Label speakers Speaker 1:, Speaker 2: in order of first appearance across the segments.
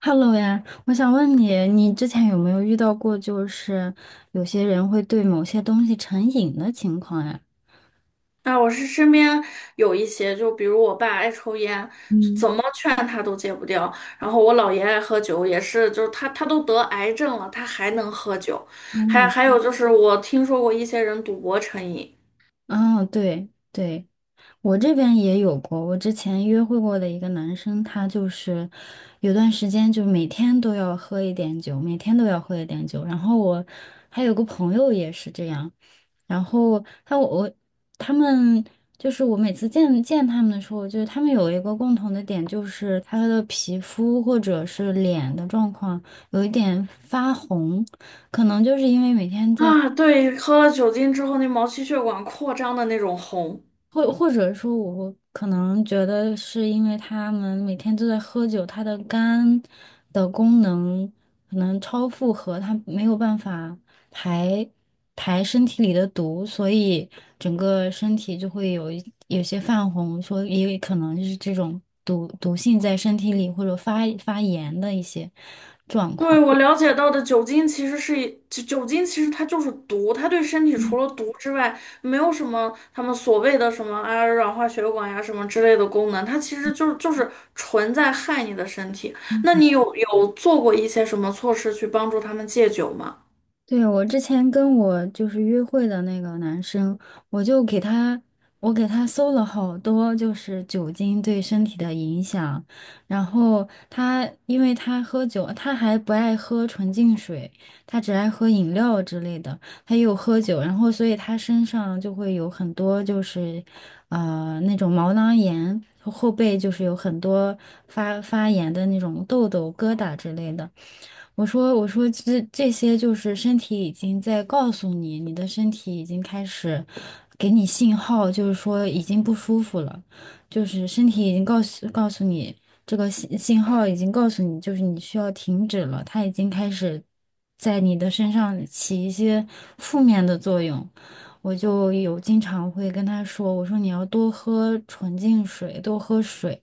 Speaker 1: Hello 呀，我想问你，你之前有没有遇到过，就是有些人会对某些东西成瘾的情况呀？
Speaker 2: 啊，我是身边有一些，就比如我爸爱抽烟，
Speaker 1: 嗯，
Speaker 2: 怎么劝他都戒不掉。然后我姥爷爱喝酒，也是，就是他都得癌症了，他还能喝酒。还
Speaker 1: 嗯，
Speaker 2: 还有就是，我听说过一些人赌博成瘾。
Speaker 1: 嗯，对对，我这边也有过。我之前约会过的一个男生，他就是有段时间就每天都要喝一点酒，每天都要喝一点酒。然后我还有个朋友也是这样，然后他们，就是我每次见他们的时候，就是他们有一个共同的点，就是他的皮肤或者是脸的状况有一点发红，可能就是因为每天在。
Speaker 2: 啊，对，喝了酒精之后那毛细血管扩张的那种红。
Speaker 1: 或者说，我可能觉得是因为他们每天都在喝酒，他的肝的功能可能超负荷，他没有办法排排身体里的毒，所以整个身体就会有些泛红，说也有可能是这种毒性在身体里，或者发炎的一些状
Speaker 2: 对，
Speaker 1: 况。
Speaker 2: 我了解到的酒精其实是酒精其实它就是毒，它对身体除了毒之外，没有什么他们所谓的什么啊软化血管呀什么之类的功能，它其实就是纯在害你的身体。那你有做过一些什么措施去帮助他们戒酒吗？
Speaker 1: 对，我之前跟我就是约会的那个男生，我就给他，我给他搜了好多，就是酒精对身体的影响。然后他，因为他喝酒，他还不爱喝纯净水，他只爱喝饮料之类的。他又喝酒，然后所以他身上就会有很多就是，那种毛囊炎，后背就是有很多发炎的那种痘痘、疙瘩之类的。我说这些就是身体已经在告诉你，你的身体已经开始给你信号，就是说已经不舒服了，就是身体已经告诉你，这个信号已经告诉你，就是你需要停止了，它已经开始在你的身上起一些负面的作用。我就有经常会跟他说，我说你要多喝纯净水，多喝水，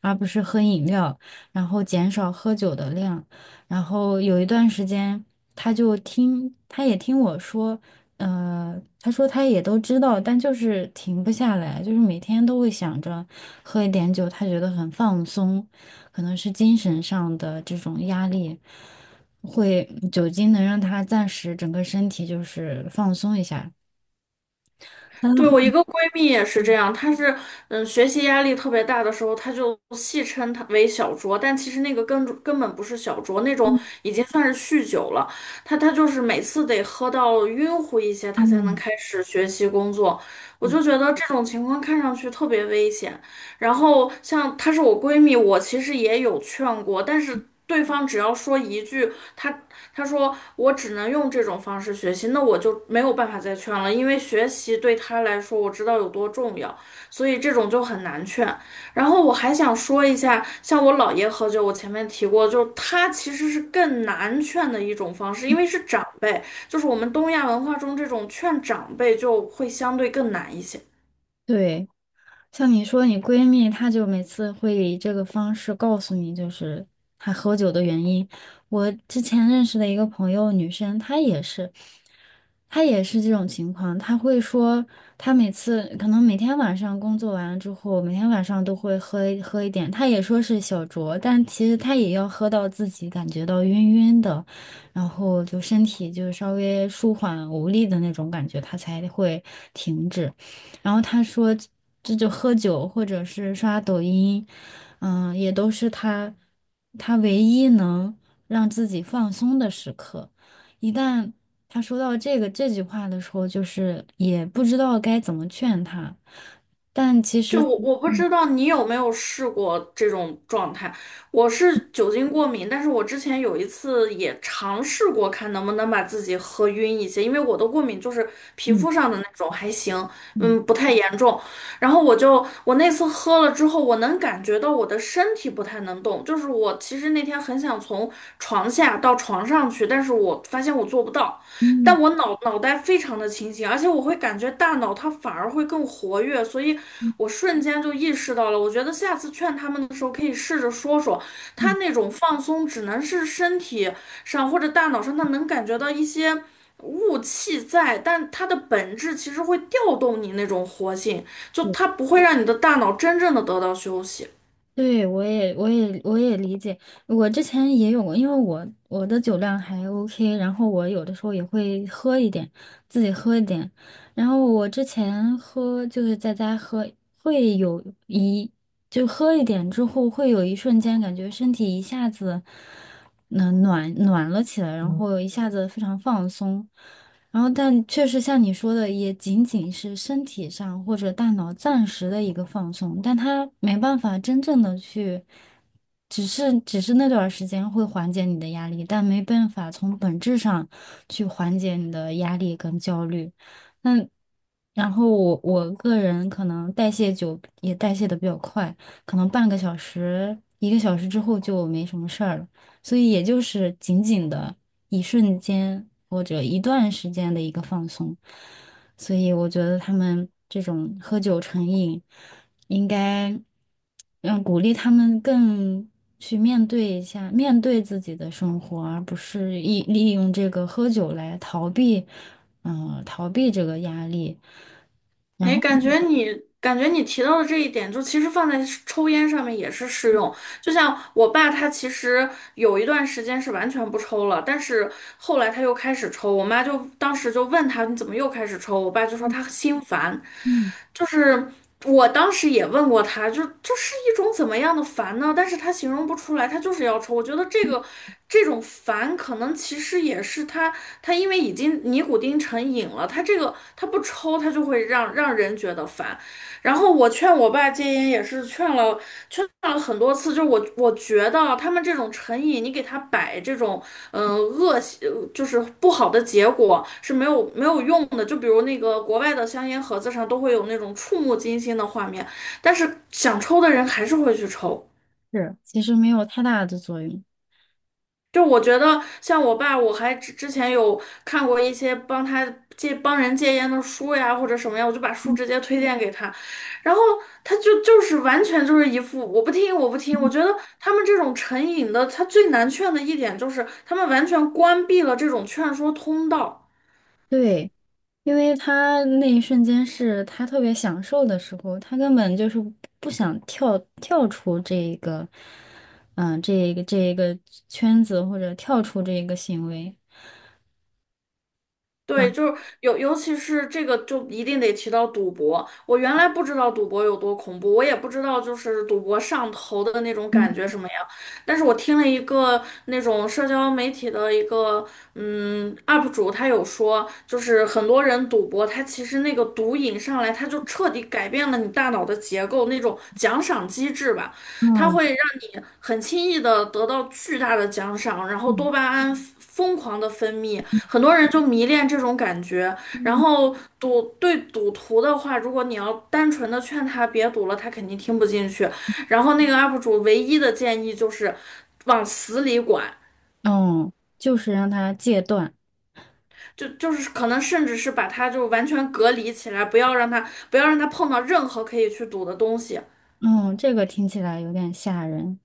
Speaker 1: 而不是喝饮料，然后减少喝酒的量。然后有一段时间，他就听，他也听我说，他说他也都知道，但就是停不下来，就是每天都会想着喝一点酒，他觉得很放松，可能是精神上的这种压力，会酒精能让他暂时整个身体就是放松一下。但他
Speaker 2: 对，
Speaker 1: 后，
Speaker 2: 我一个闺蜜也是这样，她是学习压力特别大的时候，她就戏称她为小酌，但其实那个根本不是小酌，那种
Speaker 1: 嗯，
Speaker 2: 已经算是酗酒了。她就是每次得喝到晕乎一些，她才能开始学习工作。我就觉得这种情况看上去特别危险。然后像她是我闺蜜，我其实也有劝过，但是对方只要说一句，她她说我只能用这种方式学习，那我就没有办法再劝了，因为学习对她来说我知道有多重要，所以这种就很难劝。然后我还想说一下，像我姥爷喝酒，我前面提过，就是他其实是更难劝的一种方式，因为是长辈，就是我们东亚文化中这种劝长辈就会相对更难一些。
Speaker 1: 对，像你说你闺蜜，她就每次会以这个方式告诉你，就是她喝酒的原因。我之前认识的一个朋友，女生，她也是这种情况。她会说，她每次可能每天晚上工作完了之后，每天晚上都会喝一点。她也说是小酌，但其实她也要喝到自己感觉到晕晕的，然后就身体就稍微舒缓无力的那种感觉，她才会停止。然后他说，这就喝酒或者是刷抖音，嗯，也都是他唯一能让自己放松的时刻。一旦他说到这句话的时候，就是也不知道该怎么劝他。但其
Speaker 2: 就
Speaker 1: 实，
Speaker 2: 我不知道你有没有试过这种状态，我是酒精过敏，但是我之前有一次也尝试过，看能不能把自己喝晕一些，因为我的过敏就是皮
Speaker 1: 嗯
Speaker 2: 肤上的那种，还行，
Speaker 1: 嗯
Speaker 2: 嗯，不太严重。然后我就我那次喝了之后，我能感觉到我的身体不太能动，就是我其实那天很想从床下到床上去，但是我发现我做不到。
Speaker 1: 嗯
Speaker 2: 但我脑袋非常的清醒，而且我会感觉大脑它反而会更活跃，所以
Speaker 1: 嗯
Speaker 2: 我瞬间就意识到了。我觉得下次劝他们的时候，可以试着说说，他
Speaker 1: 嗯，
Speaker 2: 那种放松只能是身体上或者大脑上，他能感觉到一些雾气在，但它的本质其实会调动你那种活性，就它不会让你的大脑真正的得到休息。
Speaker 1: 对，我也理解。我之前也有过，因为我的酒量还 OK，然后我有的时候也会喝一点，自己喝一点。然后我之前喝就是在家喝，会有一就喝一点之后，会有一瞬间感觉身体一下子，暖暖了起来，然后一下子非常放松。然后，但确实像你说的，也仅仅是身体上或者大脑暂时的一个放松，但它没办法真正的去，只是那段儿时间会缓解你的压力，但没办法从本质上去缓解你的压力跟焦虑。那然后我个人可能代谢久也代谢的比较快，可能半个小时、一个小时之后就没什么事儿了。所以也就是仅仅的一瞬间或者一段时间的一个放松。所以我觉得他们这种喝酒成瘾，应该鼓励他们更去面对一下，面对自己的生活，而不是利用这个喝酒来逃避，逃避这个压力。然
Speaker 2: 哎，
Speaker 1: 后，
Speaker 2: 感觉你提到的这一点，就其实放在抽烟上面也是适用。就像我爸，他其实有一段时间是完全不抽了，但是后来他又开始抽。我妈就当时就问他，你怎么又开始抽？我爸就说他心烦，
Speaker 1: 嗯，
Speaker 2: 就是。我当时也问过他，就是一种怎么样的烦呢？但是他形容不出来，他就是要抽。我觉得这种烦，可能其实也是他因为已经尼古丁成瘾了，他这个他不抽，他就会让人觉得烦。然后我劝我爸戒烟也是劝了很多次，就是我觉得啊他们这种成瘾，你给他摆这种恶习就是不好的结果是没有用的。就比如那个国外的香烟盒子上都会有那种触目惊心的画面，但是想抽的人还是会去抽。
Speaker 1: 是，其实没有太大的作用。
Speaker 2: 就我觉得，像我爸，我还之前有看过一些帮他帮人戒烟的书呀，或者什么呀，我就把书直接推荐给他，然后他就是完全就是一副我不听我不听。我觉得他们这种成瘾的，他最难劝的一点就是他们完全关闭了这种劝说通道。
Speaker 1: 对，因为他那一瞬间是他特别享受的时候，他根本就是不想跳出这一个，这一个圈子或者跳出这一个行为。
Speaker 2: 对，
Speaker 1: 然
Speaker 2: 就是尤其是这个，就一定得提到赌博。我原来不知道赌博有多恐怖，我也不知道就是赌博上头的那种感觉什么样。但是我听了一个那种社交媒体的一个UP 主，他有说，就是很多人赌博，他其实那个毒瘾上来，他就彻底改变了你大脑的结构，那种奖赏机制吧，它
Speaker 1: 后，
Speaker 2: 会让你很轻易的得到巨大的奖赏，然后
Speaker 1: 嗯
Speaker 2: 多巴胺疯狂的分泌。很多人就迷恋这种感觉，然
Speaker 1: 嗯，
Speaker 2: 后对赌徒的话，如果你要单纯的劝他别赌了，他肯定听不进去。然后那个 UP 主唯一的建议就是往死里管，
Speaker 1: 嗯就是让他戒断，
Speaker 2: 就是可能甚至是把他就完全隔离起来，不要让他碰到任何可以去赌的东西。
Speaker 1: 嗯，这个听起来有点吓人。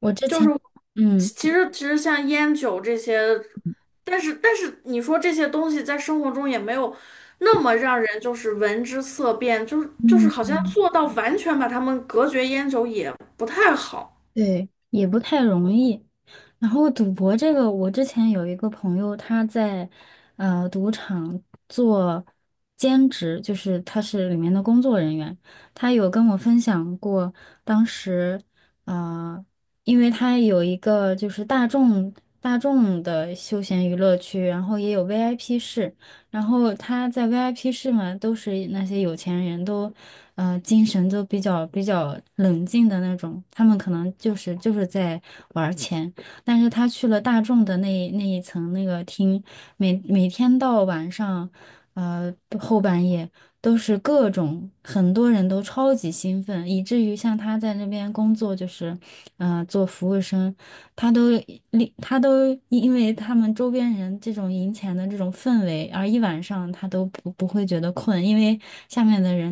Speaker 1: 我之
Speaker 2: 就是
Speaker 1: 前，嗯
Speaker 2: 其实像烟酒这些，但是你说这些东西在生活中也没有那么让人就是闻之色变，就是好
Speaker 1: 嗯。
Speaker 2: 像做到完全把它们隔绝烟酒也不太好。
Speaker 1: 对，也不太容易。然后赌博这个，我之前有一个朋友，他在赌场做兼职，就是他是里面的工作人员。他有跟我分享过，当时呃，因为他有一个就是大众的休闲娱乐区，然后也有 VIP 室，然后他在 VIP 室嘛，都是那些有钱人都，精神都比较冷静的那种，他们可能就是在玩儿钱。但是他去了大众的那一层那个厅，每天到晚上，呃，后半夜都是各种，很多人都超级兴奋，以至于像他在那边工作，就是，做服务生。他都他都因为他们周边人这种赢钱的这种氛围，而一晚上他都不会觉得困，因为，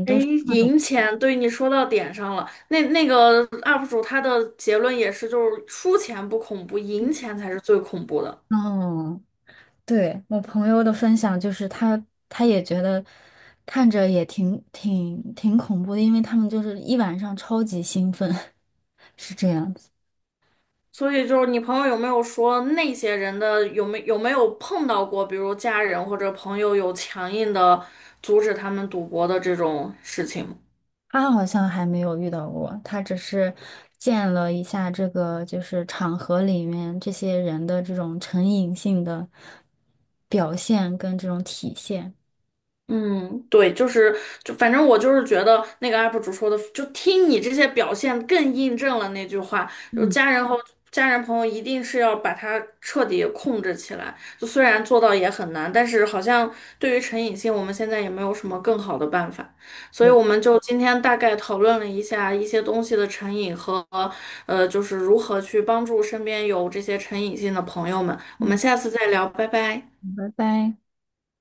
Speaker 2: 哎，赢钱，对你说到点上了。那个 UP 主他的结论也是，就是输钱不恐怖，
Speaker 1: 嗯
Speaker 2: 赢钱才是最恐怖的。
Speaker 1: 嗯，对，我朋友的分享就是他也觉得看着也挺恐怖的，因为他们就是一晚上超级兴奋，是这样子。
Speaker 2: 所以就是你朋友有没有说那些人的有没有碰到过，比如家人或者朋友有强硬的阻止他们赌博的这种事情吗？
Speaker 1: 他好像还没有遇到过，他只是见了一下这个，就是场合里面这些人的这种成瘾性的表现跟这种体现。
Speaker 2: 嗯，对，就反正我就是觉得那个 UP 主说的，就听你这些表现更印证了那句话，就
Speaker 1: 嗯
Speaker 2: 家人和家人朋友一定是要把它彻底控制起来。就虽然做到也很难，但是好像对于成瘾性，我们现在也没有什么更好的办法，所以我们就今天大概讨论了一下一些东西的成瘾和就是如何去帮助身边有这些成瘾性的朋友们。我们
Speaker 1: 嗯，
Speaker 2: 下次再聊，拜拜。
Speaker 1: 拜拜。